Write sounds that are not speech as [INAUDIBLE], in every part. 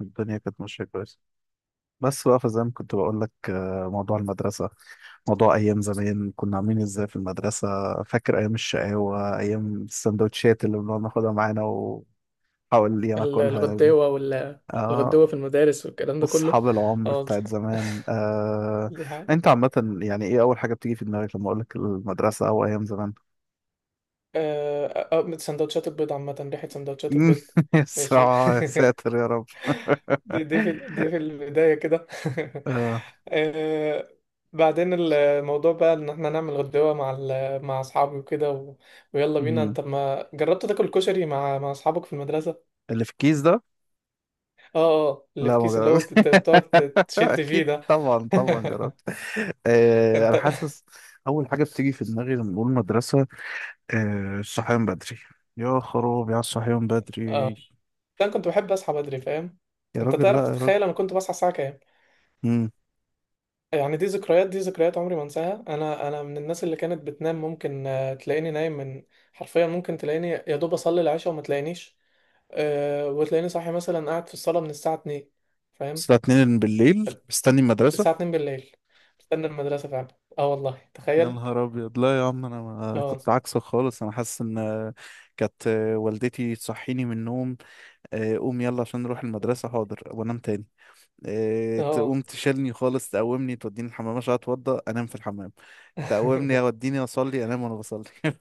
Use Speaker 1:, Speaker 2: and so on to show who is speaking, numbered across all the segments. Speaker 1: الدنيا كانت ماشية كويس، بس بقى فزي ما كنت بقول لك، موضوع المدرسة. موضوع أيام زمان كنا عاملين إزاي في المدرسة. فاكر أيام الشقاوة، أيام السندوتشات اللي بنقعد ناخدها معانا ونحاول. اللي أنا
Speaker 2: ال-
Speaker 1: أكلها دي.
Speaker 2: الغداوة وال الغداوة
Speaker 1: آه،
Speaker 2: في المدارس والكلام ده كله.
Speaker 1: أصحاب العمر
Speaker 2: اه
Speaker 1: بتاعت زمان. آه،
Speaker 2: دي حاجة.
Speaker 1: أنت عامة يعني إيه أول حاجة بتيجي في دماغك لما أقول لك المدرسة أو أيام زمان؟
Speaker 2: اه سندوتشات البيض عامة، ريحة سندوتشات البيض.
Speaker 1: [LAUGHS]
Speaker 2: ماشي.
Speaker 1: يا ساتر يا رب.
Speaker 2: [LAUGHS] دي دي في دي
Speaker 1: [LAUGHS]
Speaker 2: في البداية كده.
Speaker 1: آه.
Speaker 2: [LAUGHS] آه، بعدين الموضوع بقى ان احنا نعمل غداوة مع اصحابي وكده ويلا بينا،
Speaker 1: مم.
Speaker 2: انت ما جربت تاكل كشري مع اصحابك في المدرسة؟
Speaker 1: اللي في الكيس ده.
Speaker 2: اه، اه، اللي
Speaker 1: لا
Speaker 2: في
Speaker 1: ما
Speaker 2: كيس، اللي هو
Speaker 1: جربت،
Speaker 2: بتقعد
Speaker 1: [LAUGHS]
Speaker 2: تشد فيه
Speaker 1: اكيد
Speaker 2: ده.
Speaker 1: طبعا طبعا
Speaker 2: [LAUGHS]
Speaker 1: جربت. آه انا
Speaker 2: انت
Speaker 1: حاسس. اول حاجه بتيجي في دماغي لما بقول مدرسه، آه الصحيان بدري. يا خراب يا الصحيان بدري.
Speaker 2: اه لا، انا كنت بحب اصحى بدري، فاهم؟
Speaker 1: يا
Speaker 2: انت
Speaker 1: راجل لا
Speaker 2: تعرف
Speaker 1: يا راجل.
Speaker 2: تتخيل انا كنت بصحى الساعه كام؟
Speaker 1: امم
Speaker 2: يعني دي ذكريات عمري ما انساها. انا من الناس اللي كانت بتنام ممكن، تلاقيني نايم من، حرفيا ممكن تلاقيني يا دوب اصلي العشاء وما تلاقينيش. وتلاقيني صاحي مثلا قاعد في الصاله من الساعه 2، فاهم؟
Speaker 1: الساعه 2 بالليل مستني المدرسه.
Speaker 2: الساعه 2 بالليل مستني المدرسه فعلا. اه والله،
Speaker 1: يا
Speaker 2: تخيل.
Speaker 1: نهار ابيض، لا يا عم، انا ما
Speaker 2: اه،
Speaker 1: كنت عكسك خالص. انا حاسس ان كانت والدتي تصحيني من النوم. آه، قوم يلا عشان نروح المدرسه، حاضر وانام تاني. إيه،
Speaker 2: اه.
Speaker 1: تقوم تشيلني خالص، تقومني توديني الحمام عشان اتوضى، انام في الحمام. تقومني
Speaker 2: [LAUGHS]
Speaker 1: اوديني اصلي، انام وانا بصلي. [LAUGHS]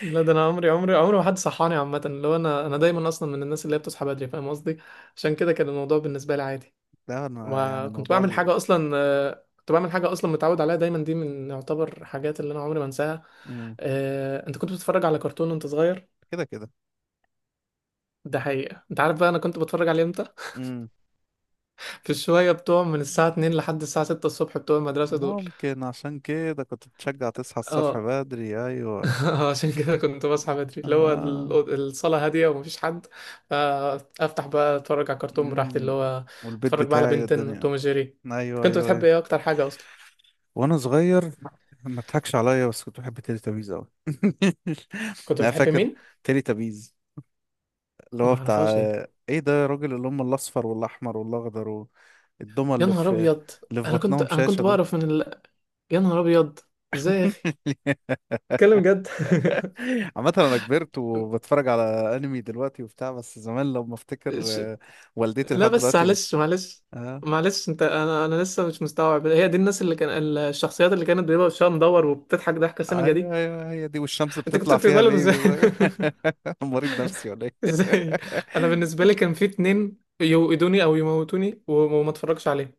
Speaker 2: لا، ده انا عمري ما حد صحاني عامه. اللي هو انا دايما اصلا من الناس اللي هي بتصحى بدري، فاهم قصدي؟ عشان كده كان الموضوع بالنسبه لي عادي.
Speaker 1: لا انا يعني
Speaker 2: وكنت بعمل حاجة أصلا، كنت بعمل حاجة أصلا متعود عليها دايما. دي من يعتبر حاجات اللي أنا عمري ما أنساها.
Speaker 1: مم.
Speaker 2: أنت كنت بتتفرج على كرتون وأنت صغير؟
Speaker 1: كده كده.
Speaker 2: ده حقيقة. أنت عارف بقى أنا كنت بتفرج عليه إمتى؟
Speaker 1: مم.
Speaker 2: [LAUGHS] في الشوية بتوع من الساعة 2 لحد الساعة 6 الصبح بتوع المدرسة دول.
Speaker 1: ممكن عشان كده كنت بتشجع تصحى الصبح
Speaker 2: اه.
Speaker 1: بدري، ايوه.
Speaker 2: [LAUGHS] عشان كده كنت بصحى بدري، اللي هو
Speaker 1: آه.
Speaker 2: الصالة هادية ومفيش حد. فأفتح بقى أتفرج على كرتون براحتي، اللي
Speaker 1: مم.
Speaker 2: هو
Speaker 1: والبيت
Speaker 2: أتفرج بقى على
Speaker 1: بتاعي
Speaker 2: بنتين
Speaker 1: والدنيا.
Speaker 2: توم جيري.
Speaker 1: ايوه
Speaker 2: كنت
Speaker 1: ايوه
Speaker 2: بتحب
Speaker 1: ايوه.
Speaker 2: إيه أكتر حاجة أصلا؟
Speaker 1: وانا صغير ما تضحكش عليا، بس كنت بحب تيلي تابيز قوي. [LAUGHS]
Speaker 2: كنت
Speaker 1: انا
Speaker 2: بتحب
Speaker 1: فاكر
Speaker 2: مين؟
Speaker 1: تيلي تابيز، اللي هو بتاع.
Speaker 2: معرفهاش دي.
Speaker 1: ايه ده يا راجل، اللي هم الاصفر والاحمر والاخضر، والدمى
Speaker 2: يا
Speaker 1: اللي
Speaker 2: نهار
Speaker 1: في،
Speaker 2: ابيض،
Speaker 1: اللي في
Speaker 2: انا كنت
Speaker 1: بطنهم
Speaker 2: انا
Speaker 1: شاشه
Speaker 2: كنت
Speaker 1: دول.
Speaker 2: بعرف. يا نهار ابيض، ازاي يا اخي؟
Speaker 1: [LAUGHS]
Speaker 2: اتكلم جد.
Speaker 1: عامه انا كبرت
Speaker 2: [LAUGHS]
Speaker 1: وبتفرج على انمي دلوقتي وبتاع، بس زمان لما افتكر.
Speaker 2: ش-
Speaker 1: آه، والدتي
Speaker 2: لا
Speaker 1: لحد
Speaker 2: بس
Speaker 1: دلوقتي
Speaker 2: معلش معلش
Speaker 1: آه.
Speaker 2: معلش انت، انا لسه مش مستوعب هي دي الناس اللي كان. الشخصيات اللي كانت بيبقى وشها مدور وبتضحك ضحكه سامجه دي،
Speaker 1: ايوه ايوه، هي دي، والشمس
Speaker 2: انت كنت
Speaker 1: بتطلع فيها
Speaker 2: بتقبلهم لهم ازاي؟
Speaker 1: بيبي ده. [LAUGHS] مريض نفسي ولا
Speaker 2: [LAUGHS]
Speaker 1: ايه.
Speaker 2: ازاي؟
Speaker 1: [LAUGHS]
Speaker 2: انا بالنسبه لي كان في اتنين، يوقدوني او يموتوني وما اتفرجش عليهم،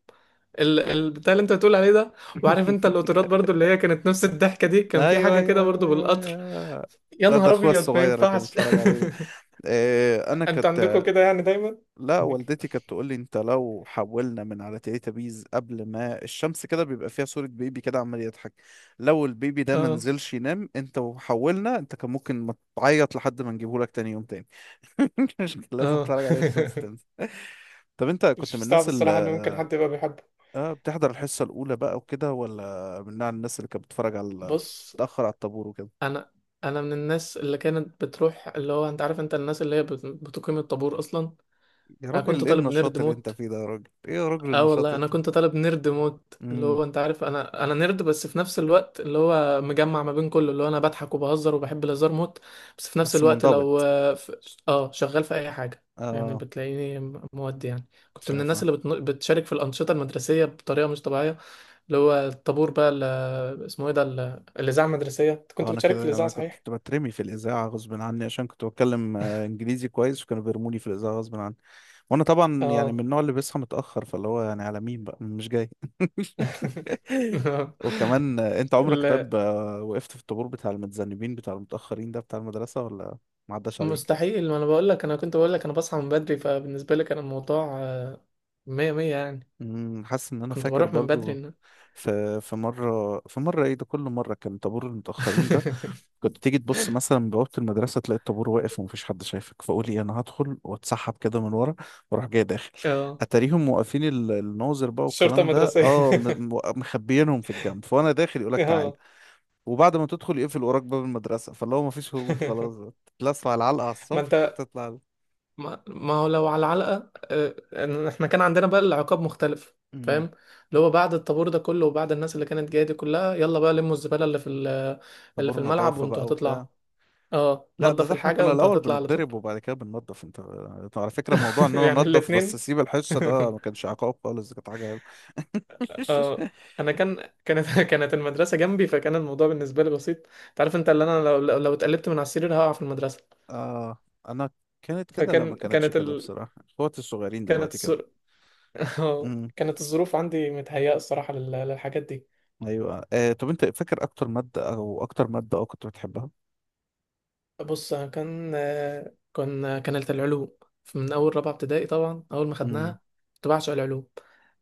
Speaker 2: البتاع اللي انت بتقول عليه ده. وعارف انت القطارات برضو، اللي هي كانت نفس الضحكه دي، كان في
Speaker 1: ايوه
Speaker 2: حاجه كده
Speaker 1: ايوه ايوه
Speaker 2: برضو
Speaker 1: ايوه
Speaker 2: بالقطر.
Speaker 1: ايوه.
Speaker 2: يا
Speaker 1: ده
Speaker 2: نهار
Speaker 1: اخويا
Speaker 2: ابيض، ما
Speaker 1: الصغير اللي كان
Speaker 2: ينفعش.
Speaker 1: بيتفرج عليه ده. آه، انا
Speaker 2: [LAUGHS] انت
Speaker 1: كنت.
Speaker 2: عندكم كده يعني دايما؟
Speaker 1: لا والدتي كانت تقول لي انت لو حولنا من على تيراتابيز قبل ما الشمس كده، بيبقى فيها صورة بيبي كده عمال يضحك. لو البيبي
Speaker 2: [LAUGHS]
Speaker 1: ده ما
Speaker 2: اه،
Speaker 1: نزلش ينام انت وحولنا، انت كان ممكن ما تعيط لحد ما نجيبه لك تاني يوم تاني. [LAUGHS] مش لازم
Speaker 2: اه.
Speaker 1: تتفرج عليه، الشمس تنزل.
Speaker 2: [LAUGHS]
Speaker 1: طب انت كنت
Speaker 2: مش
Speaker 1: من
Speaker 2: مستعب
Speaker 1: الناس اللي
Speaker 2: الصراحه ان ممكن حد يبقى بيحبه.
Speaker 1: اه بتحضر الحصة الأولى بقى وكده، ولا من نوع الناس اللي كانت بتتفرج على،
Speaker 2: بص،
Speaker 1: بتتأخر على الطابور وكده.
Speaker 2: انا انا من الناس اللي كانت بتروح، اللي هو انت عارف، انت الناس اللي هي بتقيم الطابور اصلا.
Speaker 1: يا
Speaker 2: انا كنت
Speaker 1: راجل ايه
Speaker 2: طالب نيرد
Speaker 1: النشاط اللي انت
Speaker 2: موت.
Speaker 1: فيه ده، يا راجل ايه يا راجل
Speaker 2: اه
Speaker 1: النشاط
Speaker 2: والله،
Speaker 1: اللي
Speaker 2: انا
Speaker 1: انت فيه.
Speaker 2: كنت طالب نيرد موت، اللي
Speaker 1: امم
Speaker 2: هو انت عارف، انا نيرد، بس في نفس الوقت اللي هو مجمع ما بين كله، اللي هو انا بضحك وبهزر وبحب الهزار موت. بس في نفس
Speaker 1: بس
Speaker 2: الوقت لو
Speaker 1: منضبط.
Speaker 2: شغال في اي حاجه، يعني
Speaker 1: اه
Speaker 2: بتلاقيني مودي يعني. كنت من الناس
Speaker 1: شايفة.
Speaker 2: اللي بتشارك في الانشطه المدرسيه بطريقه مش طبيعيه، اللي هو الطابور بقى، اللي اسمه ايه ده، الاذاعه المدرسيه. أنت
Speaker 1: اه
Speaker 2: كنت
Speaker 1: انا
Speaker 2: بتشارك
Speaker 1: كده
Speaker 2: في
Speaker 1: يعني،
Speaker 2: الاذاعه،
Speaker 1: انا
Speaker 2: صحيح؟
Speaker 1: كنت بترمي في الاذاعه غصب عني عشان كنت بتكلم انجليزي كويس، وكانوا بيرموني في الاذاعه غصب عني. وانا طبعا يعني من
Speaker 2: اه.
Speaker 1: النوع اللي بيصحى متاخر، فاللي هو يعني على مين بقى مش جاي. [LAUGHS]
Speaker 2: [LAUGHS]
Speaker 1: وكمان آه، انت عمرك
Speaker 2: ال-
Speaker 1: طيب آه، وقفت في الطابور بتاع المتذنبين بتاع المتاخرين ده بتاع المدرسه، ولا ما عداش عليك؟
Speaker 2: مستحيل، ما انا بقول لك، انا كنت بقول لك انا بصحى من بدري، فبالنسبه لي كان الموضوع مية مية يعني.
Speaker 1: حاسس ان انا
Speaker 2: كنت
Speaker 1: فاكر
Speaker 2: بروح من بدري
Speaker 1: برضو،
Speaker 2: إن...
Speaker 1: في مره، في مره ايه ده كل مره كان طابور المتاخرين ده
Speaker 2: [LAUGHS]
Speaker 1: كنت تيجي تبص مثلا من بوابة المدرسة، تلاقي الطابور واقف ومفيش حد شايفك، فقول ايه انا هدخل واتسحب كده من ورا، واروح جاي داخل.
Speaker 2: اه.
Speaker 1: اتاريهم موقفين الناظر بقى
Speaker 2: شرطة
Speaker 1: والكلام ده،
Speaker 2: مدرسية.
Speaker 1: اه مخبيينهم في الجنب، فانا داخل
Speaker 2: [LAUGHS]
Speaker 1: يقولك تعال،
Speaker 2: اه.
Speaker 1: وبعد ما تدخل يقفل وراك باب المدرسة، فاللي هو مفيش هروب خلاص.
Speaker 2: [LAUGHS]
Speaker 1: تتلسع على العلقة على
Speaker 2: ما
Speaker 1: الصبح
Speaker 2: انت.
Speaker 1: تطلع.
Speaker 2: ما هو لو على علقة، إن احنا كان عندنا بقى العقاب مختلف،
Speaker 1: مم.
Speaker 2: فاهم؟ اللي هو بعد الطابور ده كله، وبعد الناس اللي كانت جاية دي كلها، يلا بقى لموا الزبالة اللي
Speaker 1: طابور
Speaker 2: في الملعب،
Speaker 1: نظافة
Speaker 2: وانتوا
Speaker 1: بقى
Speaker 2: هتطلعوا.
Speaker 1: وبتاع.
Speaker 2: اه،
Speaker 1: لا ده
Speaker 2: نضف
Speaker 1: ده احنا
Speaker 2: الحاجة
Speaker 1: كنا
Speaker 2: وانت
Speaker 1: الأول
Speaker 2: هتطلع على طول.
Speaker 1: بنتضرب وبعد كده بننضف انت. طب على فكرة، موضوع
Speaker 2: [LAUGHS]
Speaker 1: ان انا
Speaker 2: يعني
Speaker 1: انضف بس
Speaker 2: الاتنين.
Speaker 1: اسيب الحصة ده، ما
Speaker 2: [LAUGHS]
Speaker 1: كانش عقاب خالص، ده كانت حاجة حلوة.
Speaker 2: اه
Speaker 1: [LAUGHS]
Speaker 2: انا كان كانت [LAUGHS] كانت المدرسه جنبي، فكان الموضوع بالنسبه لي بسيط. انت عارف انت، اللي انا لو اتقلبت من على السرير هقع في المدرسه.
Speaker 1: آه. أنا كانت كده، لا
Speaker 2: فكان
Speaker 1: ما كانتش
Speaker 2: كانت
Speaker 1: كده،
Speaker 2: ال...
Speaker 1: بصراحة اخواتي الصغيرين
Speaker 2: كانت
Speaker 1: دلوقتي كده.
Speaker 2: الظر... [LAUGHS] اه
Speaker 1: امم.
Speaker 2: كانت الظروف عندي متهيئه الصراحه للحاجات دي.
Speaker 1: أيوة آه، طب أنت فاكر أكتر مادة أو أكتر مادة أو كنت بتحبها؟
Speaker 2: بص، أنا كانت العلوم، من اول رابعه ابتدائي طبعا، اول ما
Speaker 1: امم.
Speaker 2: خدناها. كنت بعشق العلوم.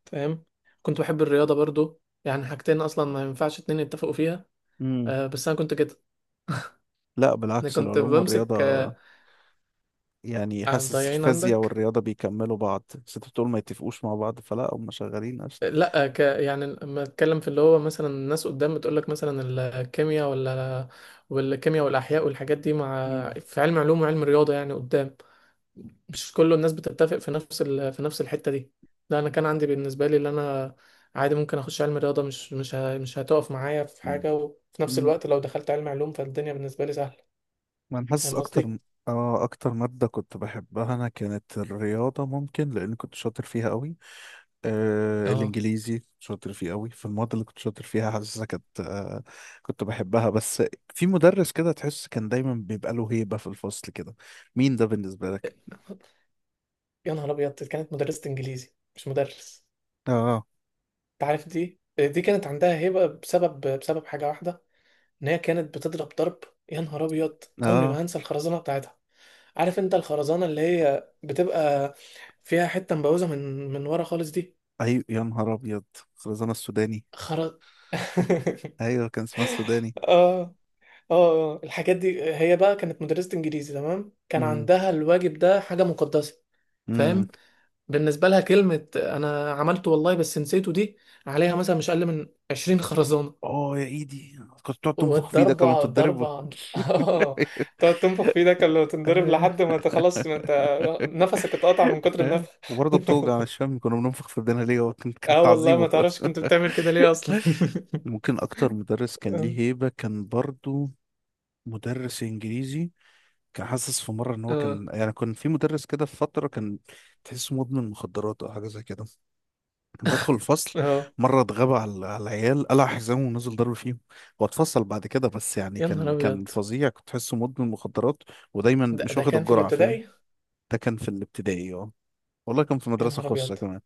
Speaker 2: تمام، كنت بحب الرياضه برضو، يعني حاجتين اصلا ما ينفعش اتنين يتفقوا فيها.
Speaker 1: امم.
Speaker 2: بس انا كنت كده.
Speaker 1: لا
Speaker 2: انا
Speaker 1: بالعكس،
Speaker 2: كنت
Speaker 1: العلوم
Speaker 2: بمسك،
Speaker 1: والرياضة، يعني حاسس
Speaker 2: ضايعين
Speaker 1: الفيزياء
Speaker 2: عندك.
Speaker 1: والرياضة بيكملوا بعض، بس أنت بتقول ما يتفقوش مع بعض، فلا هم شغالين أصلا.
Speaker 2: لا، يعني لما اتكلم في اللي هو مثلا، الناس قدام بتقول لك مثلا الكيمياء، ولا والكيمياء والاحياء والحاجات دي، مع
Speaker 1: امم.
Speaker 2: في علم علوم وعلم رياضه، يعني قدام. مش كل الناس بتتفق في في نفس الحته دي. لا، انا كان عندي بالنسبه لي اللي انا، عادي ممكن اخش علم رياضه، مش هتقف معايا في حاجه، وفي نفس
Speaker 1: امم.
Speaker 2: الوقت لو دخلت علم علوم، فالدنيا بالنسبه لي سهله،
Speaker 1: ما أنا حاسس
Speaker 2: فاهم قصدي؟
Speaker 1: أكتر. آه أكتر مادة كنت بحبها أنا كانت الرياضة، ممكن لأن كنت شاطر فيها أوي. آه
Speaker 2: اه
Speaker 1: الانجليزي شاطر فيه قوي. في المواد اللي كنت شاطر فيها حاسسها كانت آه كنت بحبها. بس في مدرس كده تحس كان دايما بيبقى له هيبة في الفصل كده، مين ده بالنسبة لك؟
Speaker 2: يا نهار ابيض، دي كانت مدرسة انجليزي، مش مدرس.
Speaker 1: اه.
Speaker 2: انت عارف، دي كانت عندها هيبة بسبب حاجة واحدة، ان هي كانت بتضرب ضرب. يا نهار ابيض، عمري
Speaker 1: اه.
Speaker 2: ما هنسى الخرزانه بتاعتها. عارف انت الخرزانه اللي هي بتبقى فيها حته مبوزه من ورا خالص دي.
Speaker 1: ايوه يا نهار ابيض، خرزانة السوداني.
Speaker 2: خر [LAUGHS]
Speaker 1: ايوه كان اسمها السوداني.
Speaker 2: اه الحاجات دي هي بقى كانت مدرسة انجليزي، تمام، كان
Speaker 1: امم.
Speaker 2: عندها الواجب ده حاجة مقدسة،
Speaker 1: امم.
Speaker 2: فاهم؟ بالنسبة لها كلمة "انا عملته والله بس نسيته" دي عليها مثلا مش اقل من 20 خرزانة.
Speaker 1: اه يا ايدي، كنت تقعد تنفخ فيه ده، كانوا
Speaker 2: والضربة
Speaker 1: بتتضرب.
Speaker 2: ضربة.
Speaker 1: [LAUGHS]
Speaker 2: [LAUGHS] اه تقعد تنفخ في ايدك ولا تنضرب،
Speaker 1: آه.
Speaker 2: لحد ما انت خلاص، ما انت نفسك اتقطع من كتر
Speaker 1: آه.
Speaker 2: النفخ.
Speaker 1: وبرضه بتوجع، مش
Speaker 2: [LAUGHS]
Speaker 1: فاهم كنا بننفخ في ايدينا ليه، هو كان كان
Speaker 2: اه والله،
Speaker 1: تعذيبه.
Speaker 2: ما تعرفش كنت بتعمل كده ليه اصلا. [LAUGHS]
Speaker 1: ممكن اكتر مدرس كان
Speaker 2: اه،
Speaker 1: ليه هيبة كان برضه مدرس انجليزي. كان حاسس في مره ان هو
Speaker 2: اه،
Speaker 1: كان يعني، كان في مدرس كده في فتره، كان تحسه مدمن مخدرات او حاجه زي كده. كان بيدخل الفصل،
Speaker 2: اه،
Speaker 1: مره اتغاب على على العيال، قلع حزامه ونزل ضرب فيهم. هو اتفصل بعد كده، بس يعني
Speaker 2: يا نهار
Speaker 1: كان
Speaker 2: ابيض.
Speaker 1: فظيع، كنت تحسه مدمن مخدرات ودايما
Speaker 2: ده,
Speaker 1: مش
Speaker 2: ده
Speaker 1: واخد
Speaker 2: كان في
Speaker 1: الجرعه، فاهم؟
Speaker 2: الابتدائي.
Speaker 1: ده كان في الابتدائي، اه والله، كان في
Speaker 2: يا
Speaker 1: مدرسه
Speaker 2: نهار
Speaker 1: خاصه
Speaker 2: ابيض،
Speaker 1: كمان.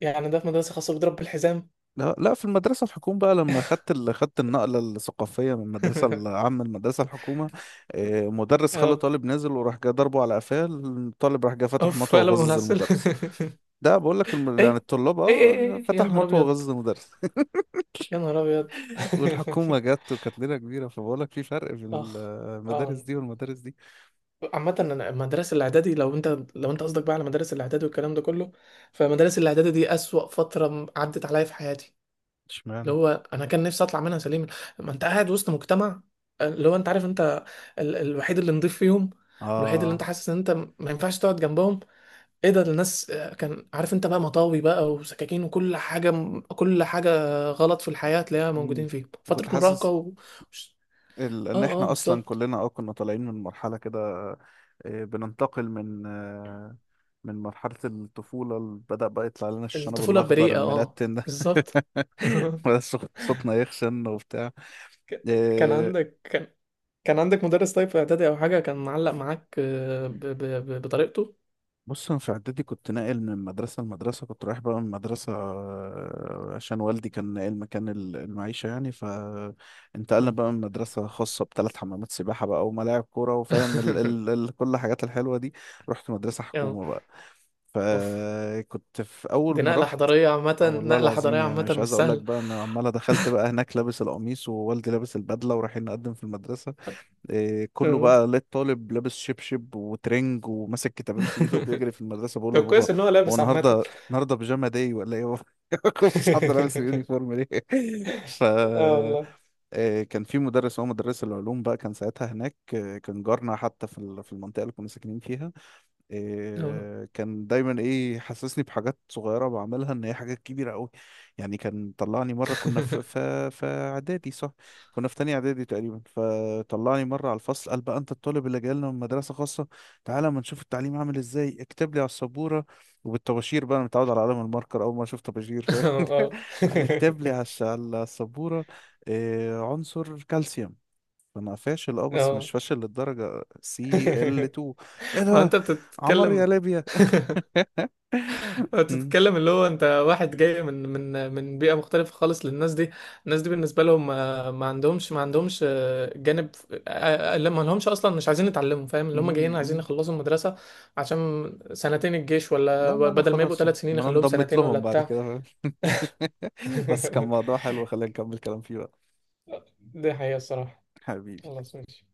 Speaker 2: يعني ده في مدرسة خاصة بيضرب بالحزام؟
Speaker 1: لا لا في المدرسة الحكومة بقى، لما خدت خدت النقلة الثقافية من المدرسة
Speaker 2: [LAUGHS]
Speaker 1: العامة المدرسة الحكومة. آه، مدرس خلى
Speaker 2: اه
Speaker 1: طالب نازل، وراح جاي ضربه على قفاه، الطالب راح جاي فتح
Speaker 2: اوف،
Speaker 1: مطوه
Speaker 2: قلبه
Speaker 1: وغزز
Speaker 2: ملعسل.
Speaker 1: المدرس. ده بقول لك
Speaker 2: [LAUGHS]
Speaker 1: يعني
Speaker 2: ايه،
Speaker 1: الطلاب
Speaker 2: ايه، ايه، ايه،
Speaker 1: اه
Speaker 2: ايه، يا
Speaker 1: فتح
Speaker 2: نهار
Speaker 1: مطوه
Speaker 2: ابيض،
Speaker 1: وغزز المدرس.
Speaker 2: يا نهار ابيض.
Speaker 1: [LAUGHS] والحكومة جت، وكانت ليلة كبيرة، فبقول لك في فرق
Speaker 2: [LAUGHS]
Speaker 1: بين
Speaker 2: اخ.
Speaker 1: المدارس
Speaker 2: اه
Speaker 1: دي والمدارس دي.
Speaker 2: عامة، أنا المدرسة الإعدادي، لو أنت، قصدك بقى على مدارس الإعدادي والكلام ده كله، فمدارس الإعدادي دي أسوأ فترة عدت عليا في حياتي، اللي
Speaker 1: اشمعنى.
Speaker 2: هو أنا كان نفسي أطلع منها سليما. ما أنت قاعد وسط مجتمع، اللي هو أنت عارف، أنت الوحيد اللي نضيف فيهم، الوحيد اللي أنت
Speaker 1: اه.
Speaker 2: حاسس إن أنت ما ينفعش تقعد جنبهم. إيه ده الناس؟ كان عارف أنت بقى مطاوي بقى وسكاكين وكل حاجة، كل حاجة غلط في الحياة تلاقيها
Speaker 1: مم.
Speaker 2: موجودين فيهم،
Speaker 1: وكنت
Speaker 2: فترة مراهقة
Speaker 1: حاسس
Speaker 2: و... آه،
Speaker 1: ان
Speaker 2: آه،
Speaker 1: احنا اصلا
Speaker 2: بالظبط.
Speaker 1: كلنا اه كنا طالعين من مرحله كده، آه، بننتقل من آه، من مرحله الطفوله بدأ بقى يطلع لنا الشنب
Speaker 2: الطفولة
Speaker 1: الاخضر
Speaker 2: البريئة، آه،
Speaker 1: المنتن ده.
Speaker 2: بالظبط. [LAUGHS]
Speaker 1: [LAUGHS] بدأ صوتنا يخشن وبتاع.
Speaker 2: ك- كان
Speaker 1: آه،
Speaker 2: عندك كان كان عندك مدرس طيب في اعدادي او حاجه، كان معلق معاك، بطريقته.
Speaker 1: بص انا في اعدادي كنت ناقل من مدرسه لمدرسه، كنت رايح بقى من مدرسه آه، عشان والدي كان ناقل مكان المعيشه يعني، فانتقلنا
Speaker 2: اه.
Speaker 1: بقى من مدرسه خاصه بثلاث حمامات سباحه بقى وملاعب كوره، وفاهم ال ال
Speaker 2: [LAUGHS]
Speaker 1: ال كل الحاجات الحلوه دي. رحت مدرسه
Speaker 2: اه،
Speaker 1: حكومه بقى،
Speaker 2: اوف.
Speaker 1: فكنت في اول
Speaker 2: دي
Speaker 1: ما
Speaker 2: نقله
Speaker 1: رحت،
Speaker 2: حضاريه عامه،
Speaker 1: آه، والله
Speaker 2: نقله
Speaker 1: العظيم
Speaker 2: حضاريه
Speaker 1: يعني،
Speaker 2: عامه
Speaker 1: مش
Speaker 2: مش
Speaker 1: عايز اقول لك
Speaker 2: سهله.
Speaker 1: بقى، انا عماله دخلت بقى هناك لابس القميص ووالدي لابس البدله ورايحين نقدم في المدرسه. إيه، كله
Speaker 2: اه.
Speaker 1: بقى لقيت طالب لابس شبشب وترنج وماسك كتابين في ايده وبيجري
Speaker 2: [LAUGHS]
Speaker 1: في المدرسه بقول له
Speaker 2: طب
Speaker 1: يا بابا.
Speaker 2: كويس ان هو
Speaker 1: هو
Speaker 2: لابس عامه.
Speaker 1: النهارده
Speaker 2: [LAUGHS]
Speaker 1: النهارده بيجاما داي ولا ايه؟ [LAUGHS] مفيش حد لابس اليونيفورم ليه؟ [LAUGHS] ف
Speaker 2: اه والله.
Speaker 1: إيه، كان في مدرس، هو مدرس العلوم بقى كان ساعتها هناك، إيه، كان جارنا حتى في المنطقه اللي كنا ساكنين فيها.
Speaker 2: اه.
Speaker 1: إيه كان دايما ايه، حسسني بحاجات صغيره بعملها ان هي حاجات كبيره قوي. يعني كان طلعني مره، كنا في
Speaker 2: [LAUGHS]
Speaker 1: في في اعدادي صح، كنا في تانية اعدادي تقريبا، فطلعني مره على الفصل قال بقى انت الطالب اللي جاي لنا من مدرسه خاصه، تعالى اما نشوف التعليم عامل ازاي، اكتب لي على السبوره. وبالطباشير بقى، انا متعود على قلم الماركر، اول ما اشوف طباشير
Speaker 2: اه،
Speaker 1: [LAUGHS]
Speaker 2: اه.
Speaker 1: قال لي اكتب لي
Speaker 2: [LAUGHS]
Speaker 1: على على السبوره إيه عنصر كالسيوم. انا فاشل اه، بس مش
Speaker 2: اه.
Speaker 1: فاشل للدرجة، سي ال
Speaker 2: [LAUGHS]
Speaker 1: 2؟ ايه
Speaker 2: ما
Speaker 1: ده،
Speaker 2: انت
Speaker 1: عمر يا
Speaker 2: بتتكلم.
Speaker 1: ليبيا.
Speaker 2: [LAUGHS] انت
Speaker 1: مم،
Speaker 2: بتتكلم، اللي هو انت واحد جاي من بيئة مختلفة خالص للناس دي. الناس دي بالنسبة لهم ما عندهمش جانب، لا، ما لهمش اصلا، مش عايزين يتعلموا، فاهم؟ اللي هم جايين
Speaker 1: مم،
Speaker 2: عايزين
Speaker 1: مم.
Speaker 2: يخلصوا المدرسة، عشان سنتين الجيش، ولا
Speaker 1: لا ما انا
Speaker 2: بدل ما يبقوا
Speaker 1: خلاص، ما
Speaker 2: 3 سنين
Speaker 1: انا
Speaker 2: يخلوهم
Speaker 1: انضمت
Speaker 2: سنتين ولا
Speaker 1: لهم بعد
Speaker 2: بتاع.
Speaker 1: كده، فاهم؟ [LAUGHS] بس كان موضوع حلو، خلينا
Speaker 2: [LAUGHS]
Speaker 1: نكمل كلام فيه بقى.
Speaker 2: دي حقيقة الصراحة.
Speaker 1: حبيبي.
Speaker 2: خلاص ماشي.